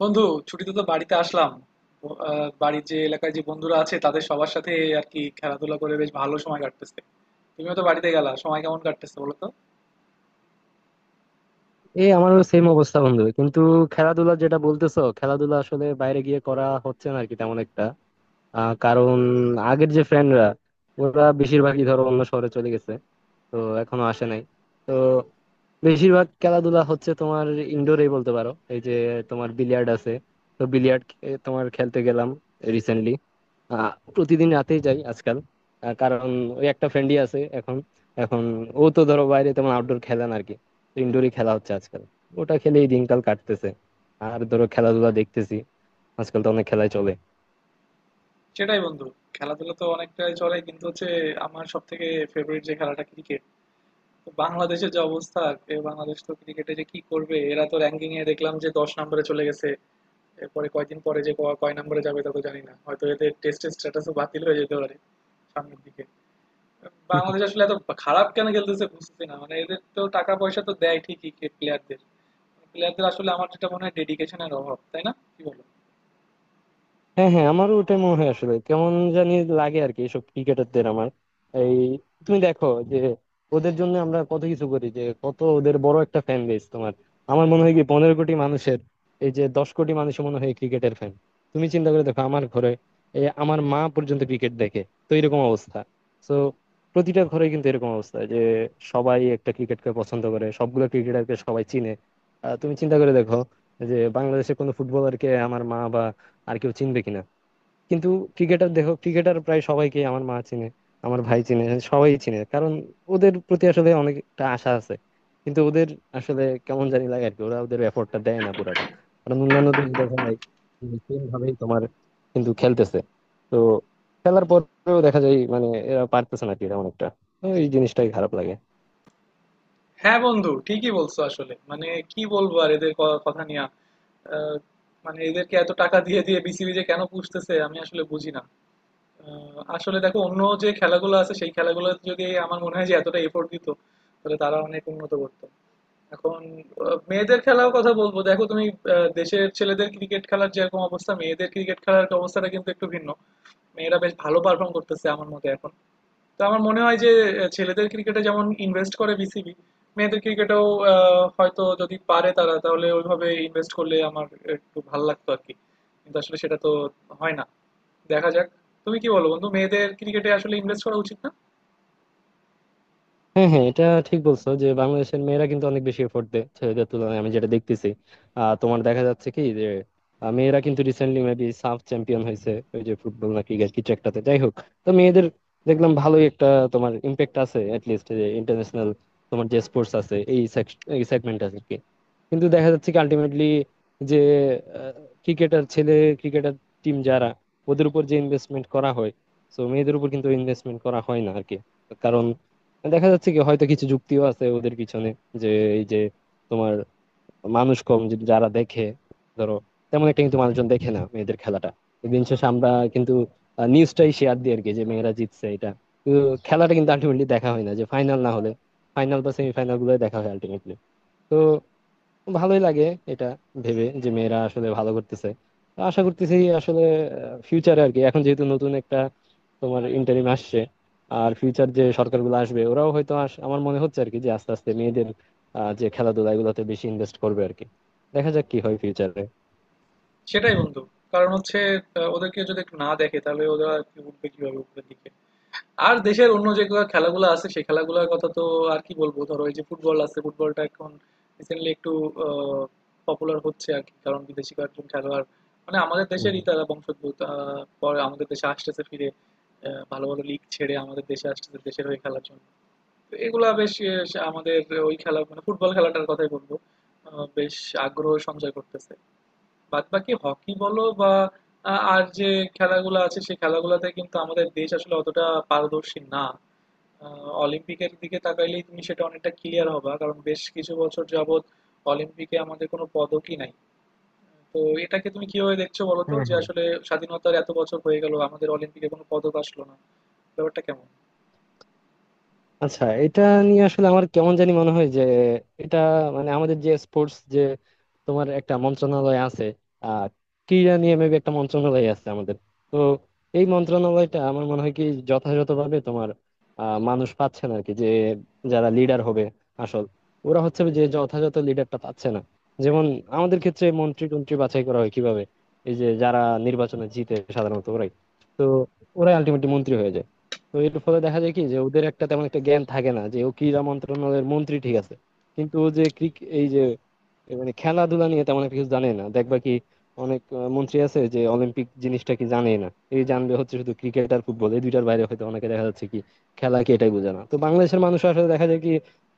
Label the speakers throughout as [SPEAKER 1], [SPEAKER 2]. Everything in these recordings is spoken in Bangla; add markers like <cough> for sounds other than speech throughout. [SPEAKER 1] বন্ধু, ছুটিতে তো বাড়িতে আসলাম। বাড়ির যে এলাকায় যে বন্ধুরা আছে তাদের সবার সাথে আর কি খেলাধুলা করে বেশ ভালো সময় কাটতেছে। তুমিও তো বাড়িতে গেলা, সময় কেমন কাটতেছে বলো তো?
[SPEAKER 2] এই আমারও সেম অবস্থা বন্ধু। কিন্তু খেলাধুলা যেটা বলতেছো, খেলাধুলা আসলে বাইরে গিয়ে করা হচ্ছে না আর কি, তেমন একটা। কারণ আগের যে ফ্রেন্ডরা, ওরা বেশিরভাগই ধরো অন্য শহরে চলে গেছে। তো এখনো আসে নাই। তো বেশিরভাগ খেলাধুলা হচ্ছে তোমার ইনডোরেই বলতে পারো। এই যে তোমার বিলিয়ার্ড আছে, তো বিলিয়ার্ড তোমার খেলতে গেলাম রিসেন্টলি। প্রতিদিন রাতেই যাই আজকাল। কারণ ওই একটা ফ্রেন্ডই আছে এখন। এখন ও তো ধরো বাইরে তেমন আউটডোর খেলে না আরকি, ইনডোরই খেলা হচ্ছে আজকাল। ওটা খেলেই দিনকাল কাটতেছে। আর ধরো খেলাধুলা দেখতেছি, আজকাল তো অনেক খেলাই চলে।
[SPEAKER 1] সেটাই বন্ধু। খেলাধুলা তো অনেকটাই চলে, কিন্তু হচ্ছে আমার সব থেকে ফেভারিট যে খেলাটা, ক্রিকেট। তো বাংলাদেশের যে অবস্থা, এ বাংলাদেশ তো ক্রিকেটে যে কি করবে, এরা তো র্যাঙ্কিং এ দেখলাম যে ১০ নম্বরে চলে গেছে। এরপরে কয়দিন পরে যে কয় নম্বরে যাবে তা তো জানি না, হয়তো এদের টেস্টের স্ট্যাটাসও বাতিল হয়ে যেতে পারে সামনের দিকে। বাংলাদেশ আসলে এত খারাপ কেন খেলতেছে বুঝতেছি না, মানে এদের তো টাকা পয়সা তো দেয় ঠিকই প্লেয়ারদের। আসলে আমার যেটা মনে হয়, ডেডিকেশনের অভাব, তাই না, কি বলো?
[SPEAKER 2] হ্যাঁ হ্যাঁ, আমারও ওটাই মনে হয়। আসলে কেমন জানি লাগে আর কি এসব ক্রিকেটারদের আমার। এই, তুমি দেখো যে ওদের জন্য আমরা কত কিছু করি, যে কত ওদের বড় একটা ফ্যান বেস তোমার। আমার মনে হয় কি 15 কোটি মানুষের, এই যে 10 কোটি মানুষের মনে হয় ক্রিকেটের ফ্যান। তুমি চিন্তা করে দেখো আমার ঘরে, এই আমার মা পর্যন্ত ক্রিকেট দেখে। তো এরকম অবস্থা। তো প্রতিটা ঘরে কিন্তু এরকম অবস্থা, যে সবাই একটা ক্রিকেটকে পছন্দ করে, সবগুলো ক্রিকেটারকে সবাই চিনে। তুমি চিন্তা করে দেখো যে বাংলাদেশের কোনো ফুটবলারকে আমার মা আর কেউ চিনবে কিনা। কিন্তু ক্রিকেটার দেখো, ক্রিকেটার প্রায় সবাইকে আমার মা চিনে, আমার ভাই চিনে, সবাই চিনে। কারণ ওদের প্রতি আসলে অনেকটা আশা আছে। কিন্তু ওদের আসলে কেমন জানি লাগে আর কি, ওরা ওদের এফোর্টটা দেয় না পুরোটা। কারণ অন্যান্য দেশ দেখা যায় সেম ভাবেই তোমার কিন্তু খেলতেছে। তো খেলার পরেও দেখা যায় মানে এরা পারতেছে না, কি এরা অনেকটা। তো এই জিনিসটাই খারাপ লাগে।
[SPEAKER 1] হ্যাঁ বন্ধু, ঠিকই বলছো। আসলে মানে কি বলবো আর এদের কথা নিয়ে। আহ, মানে এদেরকে এত টাকা দিয়ে দিয়ে বিসিবি যে কেন পুষতেছে আমি আসলে বুঝি না। আসলে দেখো, অন্য যে খেলাগুলো আছে সেই খেলাগুলো যদি, আমার মনে হয় যে এতটা এফোর্ট দিত তাহলে তারা অনেক উন্নত করতো। এখন মেয়েদের খেলার কথা বলবো, দেখো তুমি, দেশের ছেলেদের ক্রিকেট খেলার যেরকম অবস্থা, মেয়েদের ক্রিকেট খেলার অবস্থাটা কিন্তু একটু ভিন্ন। মেয়েরা বেশ ভালো পারফর্ম করতেছে আমার মতে এখন। তো আমার মনে হয় যে ছেলেদের ক্রিকেটে যেমন ইনভেস্ট করে বিসিবি, মেয়েদের ক্রিকেটেও হয়তো যদি পারে তারা, তাহলে ওইভাবে ইনভেস্ট করলে আমার একটু ভালো লাগতো আর কি। কিন্তু আসলে সেটা তো হয় না। দেখা যাক। তুমি কি বলো বন্ধু, মেয়েদের ক্রিকেটে আসলে ইনভেস্ট করা উচিত না?
[SPEAKER 2] হ্যাঁ হ্যাঁ, এটা ঠিক বলছো, যে বাংলাদেশের মেয়েরা কিন্তু অনেক বেশি এফোর্ট দেয় ছেলেদের তুলনায়, আমি যেটা দেখতেছি। তোমার দেখা যাচ্ছে কি যে, মেয়েরা কিন্তু রিসেন্টলি মেবি সাফ চ্যাম্পিয়ন হয়েছে, ওই যে ফুটবল না ক্রিকেট কিছু একটাতে, যাই হোক। তো মেয়েদের দেখলাম ভালোই একটা তোমার ইম্প্যাক্ট আছে, লিস্ট যে ইন্টারন্যাশনাল তোমার যে স্পোর্টস আছে এই এই সেগমেন্ট আছে আর কি। কিন্তু দেখা যাচ্ছে কি আলটিমেটলি যে ক্রিকেটার ছেলে ক্রিকেটার টিম যারা, ওদের উপর যে ইনভেস্টমেন্ট করা হয়, তো মেয়েদের উপর কিন্তু ইনভেস্টমেন্ট করা হয় না আর কি। দেখা যাচ্ছে কি হয়তো কিছু যুক্তিও আছে ওদের পিছনে, যে এই যে তোমার মানুষ কম যদি যারা দেখে, ধরো তেমন একটা কিন্তু মানুষজন দেখে না মেয়েদের খেলাটা। দিন শেষে আমরা কিন্তু নিউজটাই শেয়ার দিই আর কি যে মেয়েরা জিতছে এটা। কিন্তু খেলাটা কিন্তু আলটিমেটলি দেখা হয় না, যে ফাইনাল না হলে, ফাইনাল বা সেমিফাইনাল গুলো দেখা হয় আলটিমেটলি। তো ভালোই লাগে এটা ভেবে যে মেয়েরা আসলে ভালো করতেছে। তো আশা করতেছি আসলে ফিউচারে আর কি, এখন যেহেতু নতুন একটা তোমার ইন্টারিম আসছে, আর ফিউচার যে সরকারগুলো আসবে ওরাও হয়তো আমার মনে হচ্ছে আর কি যে আস্তে আস্তে মেয়েদের যে খেলাধুলা এগুলোতে বেশি ইনভেস্ট করবে আর কি। দেখা যাক কি হয় ফিউচারে।
[SPEAKER 1] সেটাই বন্ধু। কারণ হচ্ছে ওদেরকে যদি একটু না দেখে তাহলে ওরা উঠবে কিভাবে উপরের দিকে? আর দেশের অন্য যেগুলো খেলাগুলো আছে সেই খেলাগুলোর কথা তো আর কি বলবো। ধরো এই যে ফুটবল আছে, ফুটবলটা এখন রিসেন্টলি একটু পপুলার হচ্ছে আর কি। কারণ বিদেশি কয়েকজন খেলোয়াড়, মানে আমাদের
[SPEAKER 2] হুম,
[SPEAKER 1] দেশেরই
[SPEAKER 2] হুম।
[SPEAKER 1] তারা বংশোদ্ভূত, পরে আমাদের দেশে আসতেছে ফিরে। ভালো ভালো লিগ ছেড়ে আমাদের দেশে আসতেছে দেশের হয়ে খেলার জন্য। তো এগুলা বেশ আমাদের ওই খেলা মানে ফুটবল খেলাটার কথাই বলবো। বেশ আগ্রহ সঞ্চয় করতেছে। বাদ বাকি হকি বলো বা আর যে খেলাগুলো আছে সেই খেলাগুলোতে কিন্তু আমাদের দেশ আসলে অতটা পারদর্শী না। অলিম্পিকের দিকে তাকাইলেই তুমি সেটা অনেকটা ক্লিয়ার হবা, কারণ বেশ কিছু বছর যাবত অলিম্পিকে আমাদের কোনো পদকই নাই। তো এটাকে তুমি কিভাবে দেখছো বলো তো,
[SPEAKER 2] হ্যাঁ
[SPEAKER 1] যে
[SPEAKER 2] হ্যাঁ।
[SPEAKER 1] আসলে স্বাধীনতার এত বছর হয়ে গেল আমাদের অলিম্পিকে কোনো পদক আসলো না, ব্যাপারটা কেমন?
[SPEAKER 2] আচ্ছা, এটা নিয়ে আসলে আমার কেমন জানি মনে হয় যে এটা মানে আমাদের যে স্পোর্টস যে তোমার একটা মন্ত্রণালয় আছে, আহ ক্রীড়া নিয়ে মেবি একটা মন্ত্রণালয় আছে আমাদের। তো এই মন্ত্রণালয়টা আমার মনে হয় কি যথাযথভাবে তোমার মানুষ পাচ্ছে না আর কি, যে যারা লিডার হবে আসল, ওরা হচ্ছে যে যথাযথ লিডারটা পাচ্ছে না। যেমন আমাদের ক্ষেত্রে মন্ত্রী টন্ত্রী বাছাই করা হয় কিভাবে? এই যে যারা নির্বাচনে জিতে সাধারণত ওরাই, তো ওরাই আলটিমেটলি মন্ত্রী হয়ে যায়। তো এর ফলে দেখা যায় কি যে ওদের একটা তেমন একটা জ্ঞান থাকে না, যে ও ক্রীড়া মন্ত্রণালয়ের মন্ত্রী ঠিক আছে, কিন্তু ও যে এই যে মানে খেলাধুলা নিয়ে তেমন একটা কিছু জানে না। দেখবা কি অনেক মন্ত্রী আছে যে অলিম্পিক জিনিসটা কি জানে না। এই জানবে হচ্ছে শুধু ক্রিকেট আর ফুটবল, এই দুইটার বাইরে হয়তো অনেকে দেখা যাচ্ছে কি খেলা কি এটাই বোঝে না। তো বাংলাদেশের মানুষ আসলে দেখা যায় কি,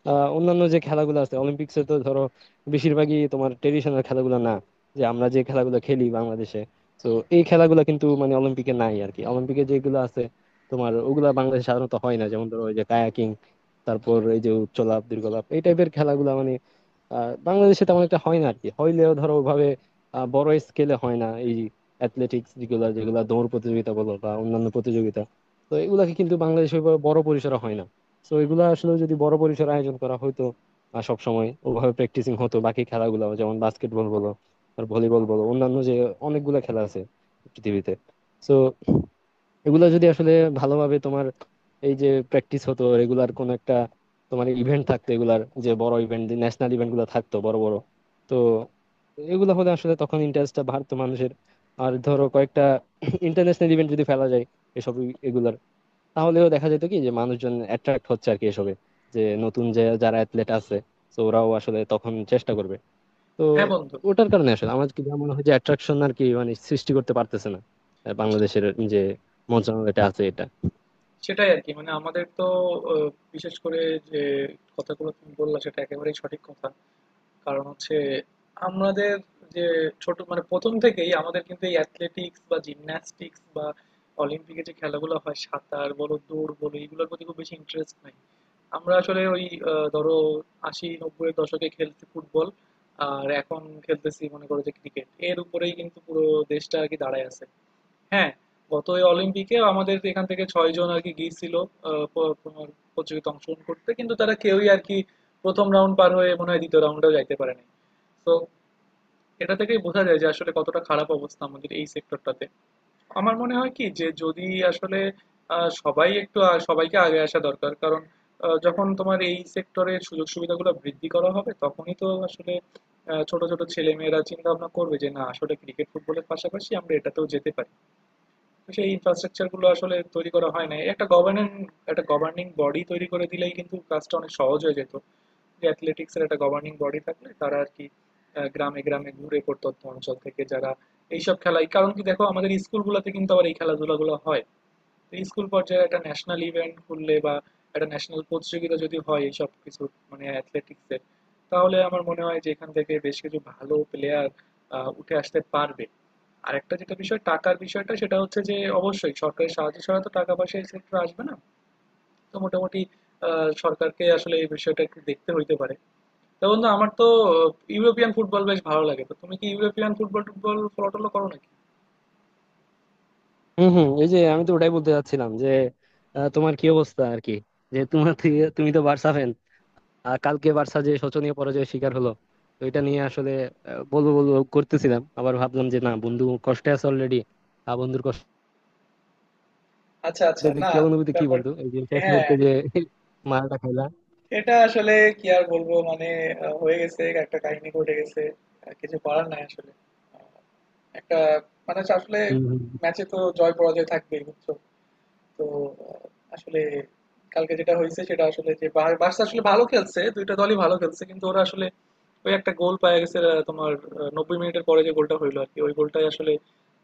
[SPEAKER 2] অন্যান্য যে খেলাগুলো আছে অলিম্পিক্সে, তো ধরো বেশিরভাগই তোমার ট্রেডিশনাল খেলাগুলো না যে আমরা যে খেলাগুলো খেলি বাংলাদেশে। তো এই খেলাগুলো কিন্তু মানে অলিম্পিকে নাই আর কি। অলিম্পিকে যেগুলো আছে তোমার, ওগুলা বাংলাদেশে সাধারণত হয় না, যেমন ধরো ওই যে কায়াকিং, তারপর এই যে উচ্চলাপ দীর্ঘলাপ এই টাইপের খেলাগুলো মানে বাংলাদেশে তেমন একটা হয় না আর কি। হইলেও ধরো ওইভাবে বড় স্কেলে হয় না। এই অ্যাথলেটিক্স যেগুলা যেগুলা দৌড় প্রতিযোগিতা বলো বা অন্যান্য প্রতিযোগিতা, তো এগুলাকে কিন্তু বাংলাদেশে ওইভাবে বড় পরিসরে হয় না। তো এগুলা আসলে যদি বড় পরিসরে আয়োজন করা হয়তো, সব সময় ওভাবে প্র্যাকটিসিং হতো। বাকি খেলাগুলো যেমন বাস্কেটবল বলো, আর ভলিবল বলো, অন্যান্য যে অনেকগুলা খেলা আছে পৃথিবীতে, তো এগুলা যদি আসলে ভালোভাবে তোমার এই যে প্র্যাকটিস হতো রেগুলার, কোন একটা তোমার ইভেন্ট থাকতো এগুলার, যে বড় ইভেন্ট ন্যাশনাল ইভেন্ট গুলো থাকতো বড় বড়, তো এগুলো হলে আসলে তখন ইন্টারেস্টটা বাড়তো মানুষের। আর ধরো কয়েকটা <coughs> ইন্টারন্যাশনাল ইভেন্ট যদি ফেলা যায় এগুলার, তাহলেও দেখা যেত কি যে মানুষজন অ্যাট্রাক্ট হচ্ছে আর কি এসবে, যে নতুন যে যারা অ্যাথলেট আছে, তো ওরাও আসলে তখন চেষ্টা করবে। তো
[SPEAKER 1] হ্যাঁ বন্ধু,
[SPEAKER 2] ওটার কারণে আসলে আমার কি যা মনে হয় যে অ্যাট্রাকশন আর কি মানে সৃষ্টি করতে পারতেছে না বাংলাদেশের যে মন্ত্রণালয়টা আছে এটা।
[SPEAKER 1] সেটাই আর কি। মানে আমাদের তো বিশেষ করে যে কথাগুলো তুমি বললা সেটা একেবারেই সঠিক কথা। কারণ হচ্ছে আমাদের যে ছোট, মানে প্রথম থেকেই আমাদের কিন্তু এই অ্যাথলেটিক্স বা জিমন্যাস্টিক্স বা অলিম্পিকে যে খেলাগুলো হয়, সাঁতার বলো, দৌড় বলো, এগুলোর প্রতি খুব বেশি ইন্টারেস্ট নাই। আমরা আসলে ওই ধরো ৮০-৯০ এর দশকে খেলতে ফুটবল, আর এখন খেলতেছি মনে করো যে ক্রিকেট, এর উপরেই কিন্তু পুরো দেশটা আর কি দাঁড়ায় আছে। হ্যাঁ, গত এই অলিম্পিকেও আমাদের এখান থেকে ৬ জন আর কি গিয়েছিল তোমার প্রতিযোগিতায় অংশগ্রহণ করতে, কিন্তু তারা কেউই আর কি প্রথম রাউন্ড পার হয়ে মনে হয় দ্বিতীয় রাউন্ডেও যাইতে পারেনি। তো এটা থেকেই বোঝা যায় যে আসলে কতটা খারাপ অবস্থা আমাদের এই সেক্টরটাতে। আমার মনে হয় কি যে যদি আসলে সবাই একটু সবাইকে আগে আসা দরকার। কারণ যখন তোমার এই সেক্টরে সুযোগ সুবিধাগুলো বৃদ্ধি করা হবে তখনই তো আসলে ছোট ছোট ছেলে মেয়েরা চিন্তা ভাবনা করবে যে না, আসলে ক্রিকেট ফুটবলের পাশাপাশি আমরা এটাতেও যেতে পারি। সেই ইনফ্রাস্ট্রাকচার গুলো আসলে তৈরি করা হয় না। একটা গভর্নিং বডি তৈরি করে দিলেই কিন্তু কাজটা অনেক সহজ হয়ে যেত। যে অ্যাথলেটিক্স এর একটা গভর্নিং বডি থাকলে তারা আর কি গ্রামে গ্রামে ঘুরে প্রত্যন্ত অঞ্চল থেকে যারা এইসব খেলায়, কারণ কি দেখো আমাদের স্কুলগুলোতে কিন্তু আবার এই খেলাধুলাগুলো হয়। তো স্কুল পর্যায়ে একটা ন্যাশনাল ইভেন্ট করলে বা একটা ন্যাশনাল প্রতিযোগিতা যদি হয় এইসব কিছু, মানে অ্যাথলেটিক্সের, তাহলে আমার মনে হয় যে এখান থেকে বেশ কিছু ভালো প্লেয়ার উঠে আসতে পারবে। আরেকটা যেটা বিষয়, টাকার বিষয়টা, সেটা হচ্ছে যে অবশ্যই সরকারি সাহায্য ছাড়া তো টাকা পয়সা এই সেক্টরে আসবে না। তো মোটামুটি সরকারকে আসলে এই বিষয়টা একটু দেখতে হইতে পারে। তো বন্ধু, আমার তো ইউরোপিয়ান ফুটবল বেশ ভালো লাগে। তো তুমি কি ইউরোপিয়ান ফুটবল টুটবল ফলো টলো করো নাকি?
[SPEAKER 2] হম হম। এই যে আমি তো ওটাই বলতে চাচ্ছিলাম যে তোমার কি অবস্থা আর কি, যে তুমি তো বার্সা ফ্যান, আর কালকে বার্সা যে শোচনীয় পরাজয়ের শিকার হলো, তো এটা নিয়ে আসলে বলবো বলবো করতেছিলাম। আবার ভাবলাম যে না, বন্ধু কষ্টে আছে অলরেডি, আর বন্ধুর কষ্টে
[SPEAKER 1] আচ্ছা আচ্ছা, না
[SPEAKER 2] কি অনুভূতি কি
[SPEAKER 1] ব্যাপার।
[SPEAKER 2] বন্ধু, এই যে শেষ
[SPEAKER 1] হ্যাঁ,
[SPEAKER 2] মুহূর্তে যে মারাটা খাইলা?
[SPEAKER 1] এটা আসলে কি আর বলবো মানে, হয়ে গেছে, একটা কাহিনী ঘটে গেছে। কিছু করার নাই আসলে। আহ, একটা মানে হচ্ছে আসলে
[SPEAKER 2] হম
[SPEAKER 1] ম্যাচে তো জয় পরাজয় থাকবেই, বুঝছো? তো আহ, আসলে কালকে যেটা হয়েছে সেটা আসলে যে বার্সা আসলে ভালো খেলছে, দুইটা দলই ভালো খেলছে, কিন্তু ওরা আসলে ওই একটা গোল পায় গেছে তোমার ৯০ মিনিটের পরে যে গোলটা হইলো আর কি, ওই গোলটাই আসলে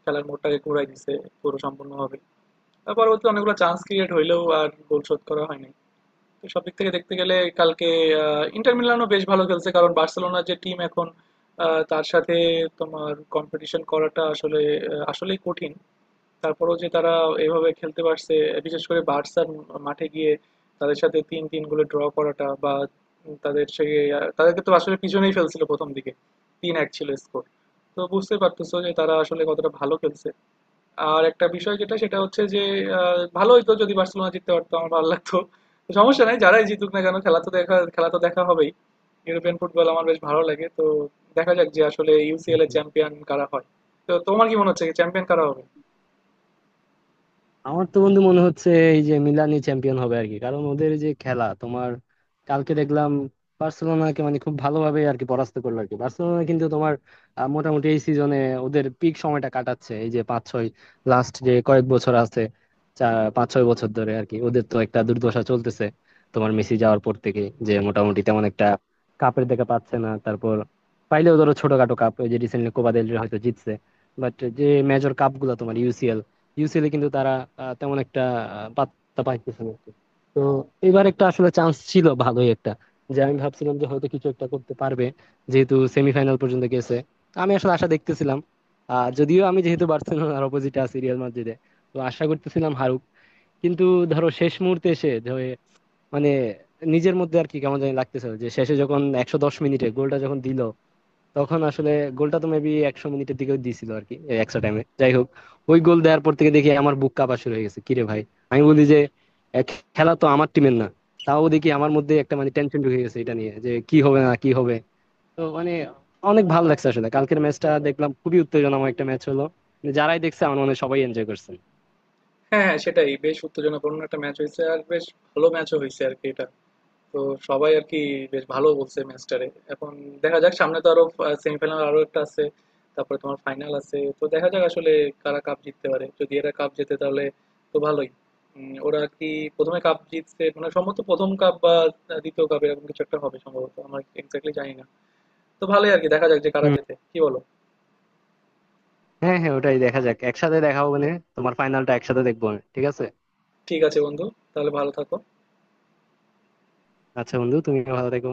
[SPEAKER 1] খেলার মোড়টাকে ঘুরাই দিছে পুরো সম্পূর্ণভাবে। তার পরবর্তী অনেকগুলো চান্স ক্রিয়েট হইলেও আর গোল শোধ করা হয়নি। তো সব দিক থেকে দেখতে গেলে কালকে ইন্টার মিলানও বেশ ভালো খেলছে, কারণ বার্সেলোনার যে টিম এখন, তার সাথে তোমার কম্পিটিশন করাটা আসলে আসলেই কঠিন। তারপরেও যে তারা এভাবে খেলতে পারছে, বিশেষ করে বার্সার মাঠে গিয়ে তাদের সাথে ৩-৩ গোলে ড্র করাটা, বা তাদের সেই, তাদেরকে তো আসলে পিছনেই ফেলছিল প্রথম দিকে, ৩-১ ছিল স্কোর। তো বুঝতে পারতেছো যে তারা আসলে কতটা ভালো খেলছে। আর একটা বিষয় যেটা সেটা হচ্ছে যে ভালো হইতো যদি বার্সেলোনা জিততে পারতো, আমার ভালো লাগতো। তো সমস্যা নাই, যারাই জিতুক না কেন খেলা তো দেখা হবেই। ইউরোপিয়ান ফুটবল আমার বেশ ভালো লাগে। তো দেখা যাক যে আসলে ইউসিএল এর
[SPEAKER 2] হম।
[SPEAKER 1] চ্যাম্পিয়ন কারা হয়। তো তোমার কি মনে হচ্ছে চ্যাম্পিয়ন কারা হবে?
[SPEAKER 2] আমার তো বন্ধু মনে হচ্ছে এই যে মিলানই চ্যাম্পিয়ন হবে আর কি। কারণ ওদের যে খেলা তোমার কালকে দেখলাম, বার্সেলোনাকে মানে খুব ভালোভাবে আর কি পরাস্ত করলো আর কি। বার্সেলোনা কিন্তু তোমার মোটামুটি এই সিজনে ওদের পিক সময়টা কাটাচ্ছে। এই যে 5-6 লাস্ট যে কয়েক বছর আছে, চা- 5-6 বছর ধরে আর কি ওদের তো একটা দুর্দশা চলতেছে তোমার মেসি যাওয়ার পর থেকে, যে মোটামুটি তেমন একটা কাপের দেখা পাচ্ছে না। তারপর পাইলেও ধরো ছোটখাটো কাপ, ওই যে রিসেন্টলি কোপা দেল রে হয়তো জিতছে। বাট যে মেজর কাপ গুলা তোমার ইউসিএল, ইউসিএলে কিন্তু তারা তেমন একটা পাত্তা পাইতেছে না আর কি। তো এবার একটা আসলে চান্স ছিল ভালোই একটা, যে আমি ভাবছিলাম যে হয়তো কিছু একটা করতে পারবে যেহেতু সেমিফাইনাল পর্যন্ত গেছে। আমি আসলে আশা দেখতেছিলাম, যদিও আমি যেহেতু বার্সেলোনার অপোজিটে আছি রিয়াল মাদ্রিদে, তো আশা করতেছিলাম হারুক। কিন্তু ধরো শেষ মুহূর্তে এসে ধরে মানে নিজের মধ্যে আর কি কেমন জানি লাগতেছিল, যে শেষে যখন 110 মিনিটে গোলটা যখন দিল তখন আসলে, গোলটা তো মেবি 100 মিনিটের দিকেও দিছিল আর কি এক্সট্রা টাইমে। যাই হোক, ওই গোল দেওয়ার পর থেকে দেখি আমার বুক কাঁপা শুরু হয়ে গেছে। কিরে ভাই, আমি বলি যে এ, খেলা তো আমার টিমের না, তাও দেখি আমার মধ্যে একটা মানে টেনশন ঢুকে গেছে এটা নিয়ে যে কি হবে না কি হবে। তো মানে অনেক ভালো লাগছে আসলে, কালকের ম্যাচটা দেখলাম খুবই উত্তেজনাময় একটা ম্যাচ হলো। মানে যারাই দেখছে আমার মনে হয় সবাই এনজয় করছে।
[SPEAKER 1] হ্যাঁ, হ্যাঁ সেটাই। বেশ উত্তেজনাপূর্ণ একটা ম্যাচ হইছে। আর বেশ ভালো ম্যাচও হইছে আরকি এটা। তো সবাই আরকি বেশ ভালো বলছে ম্যাচটারে। এখন দেখা যাক, সামনে তো আরো সেমিফাইনাল আরো একটা আছে। তারপরে তোমার ফাইনাল আছে। তো দেখা যাক আসলে কারা কাপ জিততে পারে। যদি এরা কাপ জেতে তাহলে তো ভালোই। ওরা আর কি ১ম এ কাপ জিতছে মানে, সম্ভবত ১ম কাপ বা ২য় কাপ এরকম কিছু একটা হবে সম্ভবত। আমার এক্সাক্টলি জানি না। তো ভালোই আরকি, দেখা যাক যে কারা
[SPEAKER 2] হুম।
[SPEAKER 1] জেতে। কি বলো?
[SPEAKER 2] হ্যাঁ হ্যাঁ, ওটাই। দেখা যাক, একসাথে দেখা হবে না? তোমার ফাইনালটা একসাথে দেখবো আমি, ঠিক আছে?
[SPEAKER 1] ঠিক আছে বন্ধু। তাহলে ভালো থাকো।
[SPEAKER 2] আচ্ছা বন্ধু, তুমিও ভালো থেকো।